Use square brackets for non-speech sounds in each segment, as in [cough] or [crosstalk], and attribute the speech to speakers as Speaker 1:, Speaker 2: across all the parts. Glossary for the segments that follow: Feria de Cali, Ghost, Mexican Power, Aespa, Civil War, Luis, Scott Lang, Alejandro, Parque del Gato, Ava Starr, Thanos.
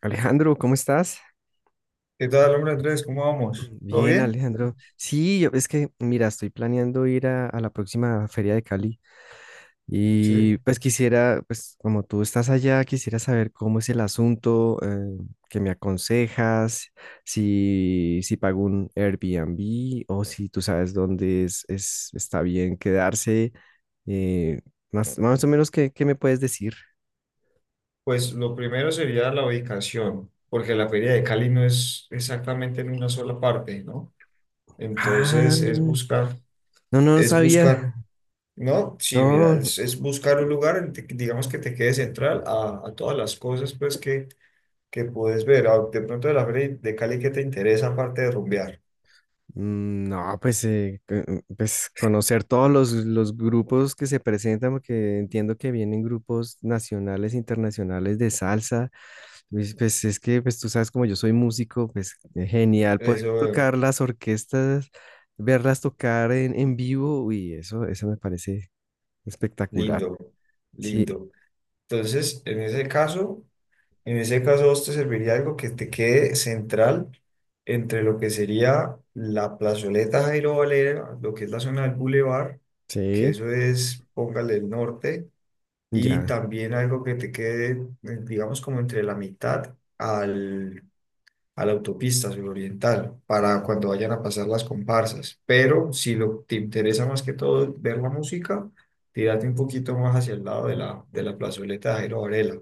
Speaker 1: Alejandro, ¿cómo estás?
Speaker 2: ¿Qué tal, hombre Andrés? ¿Cómo vamos? ¿Todo
Speaker 1: Bien,
Speaker 2: bien?
Speaker 1: Alejandro. Sí, yo, mira, estoy planeando ir a la próxima Feria de Cali y
Speaker 2: Sí.
Speaker 1: pues quisiera, pues como tú estás allá, quisiera saber cómo es el asunto, qué me aconsejas, si pago un Airbnb o si tú sabes dónde está bien quedarse, eh, más o menos, ¿ qué me puedes decir?
Speaker 2: Pues lo primero sería la ubicación, porque la Feria de Cali no es exactamente en una sola parte, ¿no?
Speaker 1: Ah,
Speaker 2: Entonces es
Speaker 1: no,
Speaker 2: buscar,
Speaker 1: no, no
Speaker 2: es buscar,
Speaker 1: sabía.
Speaker 2: ¿no? Sí, mira,
Speaker 1: No.
Speaker 2: es buscar un lugar, en digamos que te quede central a todas las cosas pues que puedes ver. Ah, de pronto de la Feria de Cali, ¿qué te interesa aparte de rumbear?
Speaker 1: No, pues, pues conocer los grupos que se presentan, porque entiendo que vienen grupos nacionales, internacionales de salsa. Pues, pues tú sabes, como yo soy músico, pues genial poder
Speaker 2: Eso,
Speaker 1: tocar las orquestas, verlas tocar en vivo, eso me parece espectacular.
Speaker 2: lindo,
Speaker 1: Sí,
Speaker 2: lindo. Entonces, en ese caso... En ese caso, a vos te serviría algo que te quede central entre lo que sería la plazoleta Jairo Valera, lo que es la zona del bulevar, que
Speaker 1: sí,
Speaker 2: eso es, póngale el norte, y
Speaker 1: ya,
Speaker 2: también algo que te quede, digamos, como entre la mitad a la autopista suroriental, para cuando vayan a pasar las comparsas. Pero si te interesa más que todo ver la música, tírate un poquito más hacia el lado de la plazoleta Jairo Varela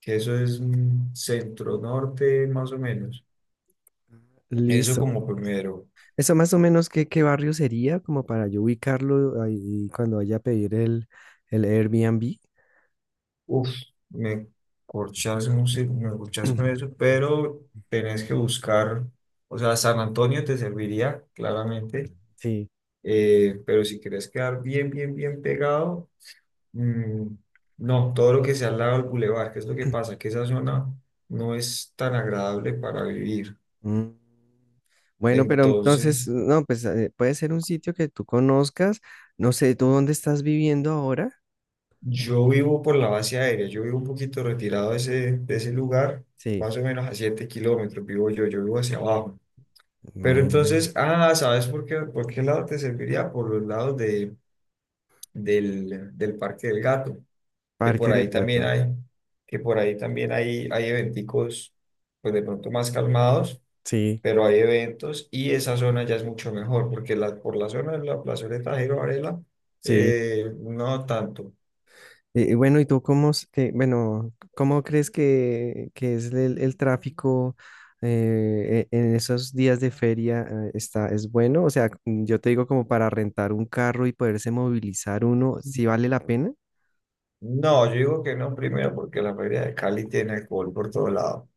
Speaker 2: que eso es centro-norte más o menos. Eso
Speaker 1: listo.
Speaker 2: como primero.
Speaker 1: Eso más o menos, ¿ qué barrio sería? Como para yo ubicarlo ahí cuando vaya a pedir el Airbnb.
Speaker 2: Uf, me me corchas con
Speaker 1: [clears throat]
Speaker 2: eso, pero tenés que buscar, o sea, San Antonio te serviría, claramente,
Speaker 1: Sí.
Speaker 2: pero si querés quedar bien, bien, bien pegado, mm, no, todo lo que sea al lado del bulevar, que es lo que pasa, que esa zona no es tan agradable para vivir.
Speaker 1: Mm. Bueno, pero entonces,
Speaker 2: Entonces...
Speaker 1: no, pues puede ser un sitio que tú conozcas. No sé, ¿tú dónde estás viviendo ahora?
Speaker 2: Yo vivo por la base aérea, yo vivo un poquito retirado de ese lugar,
Speaker 1: Sí.
Speaker 2: más o menos a 7 km vivo yo, yo vivo hacia abajo. Pero
Speaker 1: Bueno.
Speaker 2: entonces, ah, ¿sabes por qué lado te serviría? Por los lados del Parque del Gato, que
Speaker 1: Parque
Speaker 2: por
Speaker 1: del
Speaker 2: ahí también
Speaker 1: Gato.
Speaker 2: hay, que por ahí también hay eventicos, pues de pronto más calmados,
Speaker 1: Sí,
Speaker 2: pero hay eventos y esa zona ya es mucho mejor, porque la, por la zona de la plazoleta Jairo Varela,
Speaker 1: sí.
Speaker 2: no tanto.
Speaker 1: ¿ bueno, ¿cómo crees que es el tráfico en esos días de feria? Está, ¿es bueno? O sea, yo te digo como para rentar un carro y poderse movilizar uno, ¿sí vale la pena?
Speaker 2: No, yo digo que no primero porque la feria de Cali tiene alcohol por todo lado.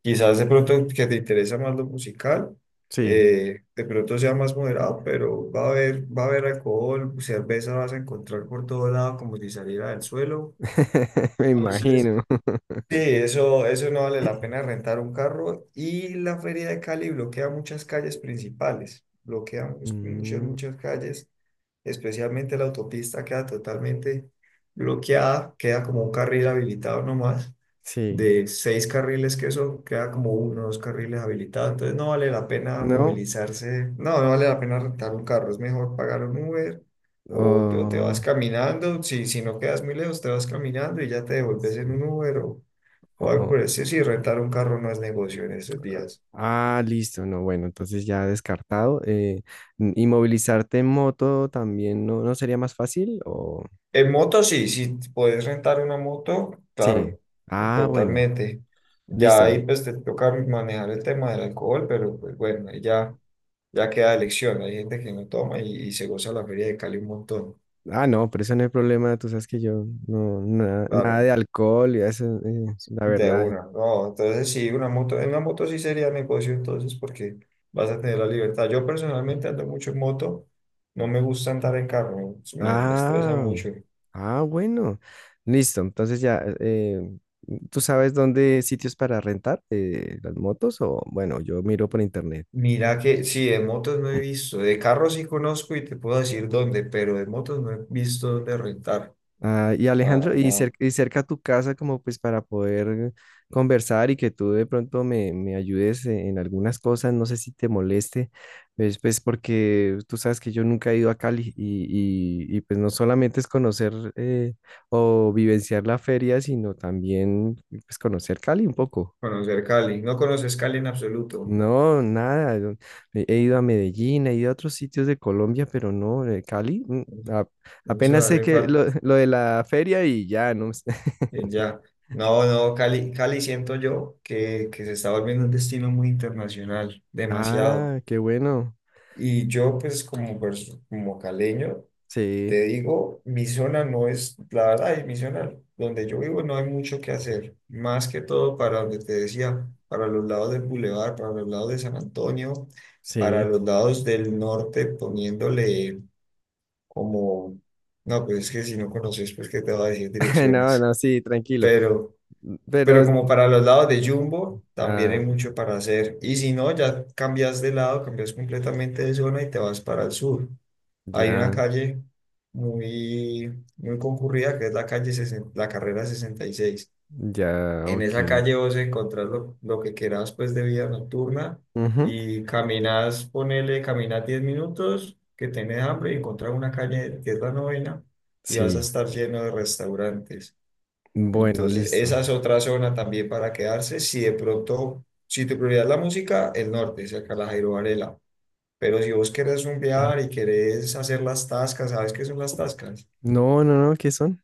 Speaker 2: Quizás de pronto que te interesa más lo musical,
Speaker 1: Sí.
Speaker 2: de pronto sea más moderado, pero va a haber alcohol, cerveza vas a encontrar por todo lado como si saliera del suelo.
Speaker 1: [laughs] Me
Speaker 2: Entonces.
Speaker 1: imagino. [laughs]
Speaker 2: Sí, eso no vale la pena rentar un carro y la Feria de Cali bloquea muchas calles principales, muchas,
Speaker 1: Mm,
Speaker 2: muchas calles, especialmente la autopista queda totalmente bloqueada, queda como un carril habilitado nomás
Speaker 1: sí,
Speaker 2: de seis carriles que eso queda como uno o dos carriles habilitados, entonces no vale la pena
Speaker 1: ¿no?
Speaker 2: movilizarse, no, no vale la pena rentar un carro, es mejor pagar un Uber o te vas
Speaker 1: Oh,
Speaker 2: caminando, si no quedas muy lejos te vas caminando y ya te devuelves en
Speaker 1: sí.
Speaker 2: un Uber
Speaker 1: Oh,
Speaker 2: o algo por
Speaker 1: oh.
Speaker 2: el estilo, sí, rentar un carro no es negocio en estos días.
Speaker 1: Ah, listo, no, bueno, entonces ya descartado. ¿Y movilizarte en moto también no, no sería más fácil?
Speaker 2: En
Speaker 1: O-
Speaker 2: moto sí, si puedes rentar una moto,
Speaker 1: sí.
Speaker 2: claro,
Speaker 1: Ah, bueno,
Speaker 2: totalmente. Ya
Speaker 1: listo.
Speaker 2: ahí pues te toca manejar el tema del alcohol, pero pues bueno, ahí ya ya queda elección, hay gente que no toma y se goza la feria de Cali un montón,
Speaker 1: Ah, no, pero eso no hay problema, tú sabes que yo nada
Speaker 2: claro,
Speaker 1: de alcohol y eso, la
Speaker 2: de
Speaker 1: verdad.
Speaker 2: una, no, entonces sí, en una moto sí sería negocio entonces porque vas a tener la libertad. Yo personalmente ando mucho en moto, no me gusta andar en carro, me estresa
Speaker 1: Ah,
Speaker 2: mucho.
Speaker 1: ah, bueno. Listo. Entonces ya, ¿tú sabes dónde sitios para rentar las motos? O bueno, yo miro por internet.
Speaker 2: Mira que sí, de motos no he visto, de carros sí conozco y te puedo decir dónde, pero de motos no he visto dónde rentar,
Speaker 1: Ah, y Alejandro,
Speaker 2: para nada,
Speaker 1: y cerca a tu casa, como pues para poder conversar y que tú de pronto me ayudes en algunas cosas, no sé si te moleste, pues porque tú sabes que yo nunca he ido a Cali y pues no solamente es conocer o vivenciar la feria, sino también pues conocer Cali un poco.
Speaker 2: conocer Cali, no conoces Cali en absoluto,
Speaker 1: No, nada. Yo he ido a Medellín, he ido a otros sitios de Colombia, pero no, de Cali. A-
Speaker 2: no se
Speaker 1: Apenas sé
Speaker 2: darle falta.
Speaker 1: [laughs] lo de la feria y ya, no sé. [laughs]
Speaker 2: Eh, ya, no, no, Cali, Cali siento yo que se está volviendo un destino muy internacional, demasiado.
Speaker 1: Ah, qué bueno.
Speaker 2: Y yo, pues, como caleño,
Speaker 1: Sí,
Speaker 2: te digo, mi zona no es, la verdad, y mi zona donde yo vivo no hay mucho que hacer, más que todo para donde te decía, para los lados del Boulevard, para los lados de San Antonio, para
Speaker 1: sí.
Speaker 2: los lados del norte, poniéndole como, no, pues es que si no conoces, pues, ¿qué te va a decir
Speaker 1: [laughs] No,
Speaker 2: direcciones?
Speaker 1: no, sí, tranquilo.
Speaker 2: Pero. Pero
Speaker 1: Pero.
Speaker 2: como para los lados de Jumbo, también hay
Speaker 1: Ah,
Speaker 2: mucho para hacer. Y si no, ya cambias de lado, cambias completamente de zona y te vas para el sur. Hay una
Speaker 1: ya,
Speaker 2: calle muy, muy concurrida que es la la carrera 66.
Speaker 1: ya,
Speaker 2: En
Speaker 1: ok.
Speaker 2: esa calle vos encontrás lo que quieras pues de vida nocturna
Speaker 1: Ujú.
Speaker 2: y caminas, ponele, caminas 10 minutos que tenés hambre y encontrás una calle que es la novena y vas a
Speaker 1: Sí,
Speaker 2: estar lleno de restaurantes.
Speaker 1: bueno,
Speaker 2: Entonces,
Speaker 1: listo.
Speaker 2: esa es otra zona también para quedarse. Si de pronto, si tu prioridad es la música, el norte, cerca de la Jairo Varela. Pero si vos querés rumbear y
Speaker 1: [clears throat]
Speaker 2: querés hacer las tascas, ¿sabes qué son las tascas?
Speaker 1: No, no, no, ¿qué son?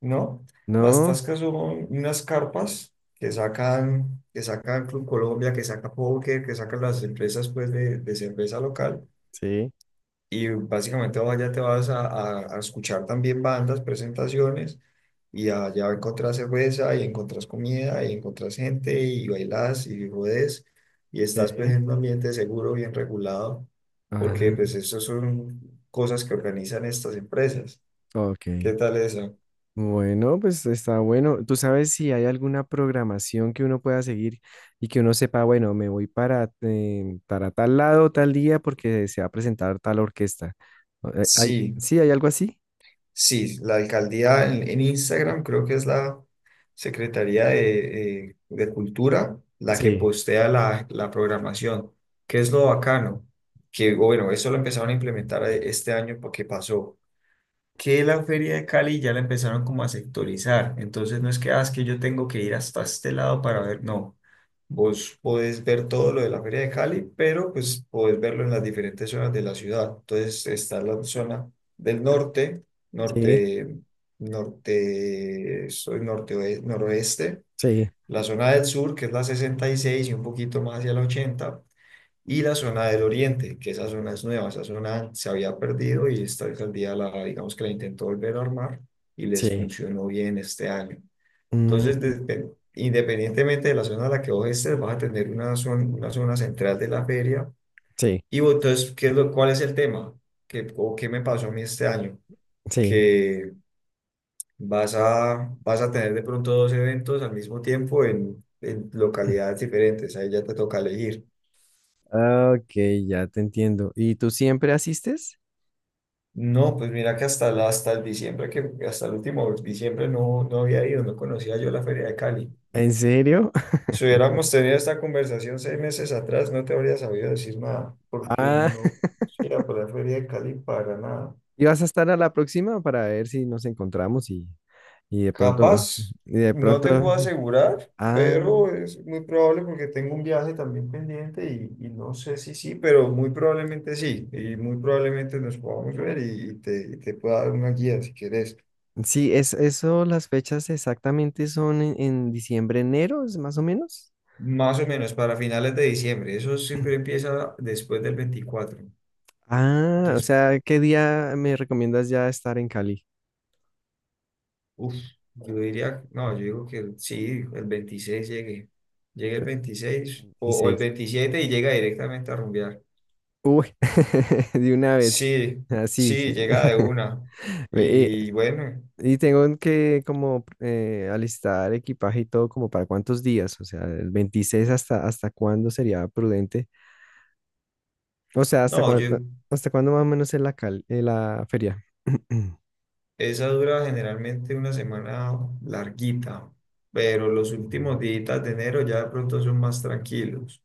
Speaker 2: ¿No? Las
Speaker 1: No,
Speaker 2: tascas son unas carpas que sacan Club Colombia, que saca Poker, que sacan las empresas pues de cerveza local.
Speaker 1: sí,
Speaker 2: Y básicamente allá te vas a escuchar también bandas, presentaciones, y allá encontrás cerveza, y encontrás comida, y encontrás gente, y bailás, y rodés, y estás pues
Speaker 1: sí.
Speaker 2: en un ambiente seguro, bien regulado, porque pues
Speaker 1: Ah,
Speaker 2: eso son cosas que organizan estas empresas.
Speaker 1: ok.
Speaker 2: ¿Qué tal eso?
Speaker 1: Bueno, pues está bueno. ¿Tú sabes si hay alguna programación que uno pueda seguir y que uno sepa, bueno, me voy para tal lado, tal día, porque se va a presentar tal orquesta? ¿
Speaker 2: Sí.
Speaker 1: sí, hay algo así?
Speaker 2: Sí, la alcaldía en Instagram creo que es la Secretaría de Cultura la que
Speaker 1: Sí,
Speaker 2: postea la programación. ¿Qué es lo bacano, que bueno, eso lo empezaron a implementar este año porque pasó, que la feria de Cali ya la empezaron como a sectorizar. Entonces no es que, ah, es que yo tengo que ir hasta este lado para ver, no. Vos podés ver todo lo de la feria de Cali, pero pues podés verlo en las diferentes zonas de la ciudad. Entonces está la zona del norte,
Speaker 1: sí,
Speaker 2: norte, norte, soy norte, noroeste,
Speaker 1: sí,
Speaker 2: la zona del sur, que es la 66 y un poquito más hacia la 80 y la zona del oriente, que esa zona es nueva, esa zona se había perdido y esta alcaldía la, digamos que la intentó volver a armar y les
Speaker 1: sí.
Speaker 2: funcionó bien este año. Entonces,
Speaker 1: Mm,
Speaker 2: desde- independientemente de la zona a la que vos estés, vas a tener una zona central de la feria.
Speaker 1: sí,
Speaker 2: Y vos, entonces, ¿qué es lo, cuál es el tema? ¿Qué, o qué me pasó a mí este año?
Speaker 1: sí.
Speaker 2: Que vas a, vas a tener de pronto dos eventos al mismo tiempo en localidades diferentes, ahí ya te toca elegir.
Speaker 1: Ah, ok, ya te entiendo. ¿Y tú siempre asistes?
Speaker 2: No, pues mira que hasta el diciembre, que hasta el último diciembre no había ido, no conocía yo la Feria de Cali.
Speaker 1: ¿En serio? [laughs]
Speaker 2: Si hubiéramos tenido esta conversación 6 meses atrás, no te habría sabido decir nada, porque
Speaker 1: Ah.
Speaker 2: no
Speaker 1: [laughs]
Speaker 2: era por la Feria de Cali para nada.
Speaker 1: ¿Y vas a estar a la próxima para ver si nos encontramos y de pronto,
Speaker 2: Capaz,
Speaker 1: y de
Speaker 2: no
Speaker 1: pronto,
Speaker 2: te puedo asegurar,
Speaker 1: ah.
Speaker 2: pero es muy probable porque tengo un viaje también pendiente y no sé si sí, pero muy probablemente sí, y muy probablemente nos podamos ver y y te pueda dar una guía si quieres.
Speaker 1: Sí, es eso, las fechas exactamente son en diciembre, enero, es más o menos.
Speaker 2: Más o menos para finales de diciembre. Eso siempre empieza después del 24.
Speaker 1: Ah, o
Speaker 2: Entonces,
Speaker 1: sea, ¿qué día me recomiendas ya estar en Cali?
Speaker 2: uff, yo diría, no, yo digo que sí, el 26 llegue. Llegue el 26 o el
Speaker 1: 16.
Speaker 2: 27 y llega directamente a rumbear.
Speaker 1: Uy, [laughs] de una vez.
Speaker 2: Sí,
Speaker 1: Así, sí.
Speaker 2: sí,
Speaker 1: Sí.
Speaker 2: llega de una.
Speaker 1: [laughs] Ve,
Speaker 2: Y bueno,
Speaker 1: y tengo que como alistar equipaje y todo como para cuántos días, o sea, el 26 hasta, ¿hasta cuándo sería prudente? O sea,
Speaker 2: no, yo,
Speaker 1: hasta cuándo más o menos es la feria. [clears throat]
Speaker 2: esa dura generalmente una semana larguita, pero los últimos días de enero ya de pronto son más tranquilos,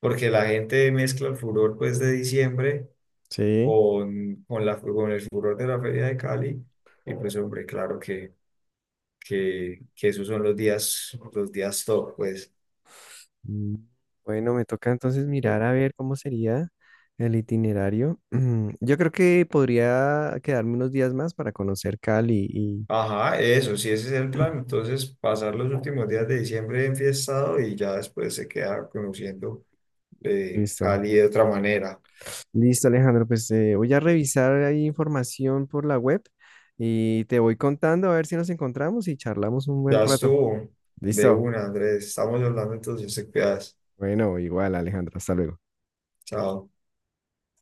Speaker 2: porque la gente mezcla el furor pues de diciembre
Speaker 1: Sí.
Speaker 2: con el furor de la Feria de Cali. Y pues, hombre, claro que esos son los días top, pues.
Speaker 1: Mm. Bueno, me toca entonces mirar a ver cómo sería el itinerario. [clears throat] Yo creo que podría quedarme unos días más para conocer Cali y
Speaker 2: Ajá, eso, sí, ese es el plan.
Speaker 1: [clears throat]
Speaker 2: Entonces, pasar los últimos días de diciembre enfiestado y ya después se queda conociendo
Speaker 1: listo.
Speaker 2: Cali de otra manera.
Speaker 1: Listo, Alejandro, pues voy a revisar ahí información por la web y te voy contando a ver si nos encontramos y charlamos un buen
Speaker 2: Ya
Speaker 1: rato.
Speaker 2: estuvo de
Speaker 1: Listo.
Speaker 2: una, Andrés. Estamos hablando, entonces te cuidas.
Speaker 1: Bueno, igual, Alejandro, hasta luego.
Speaker 2: Chao.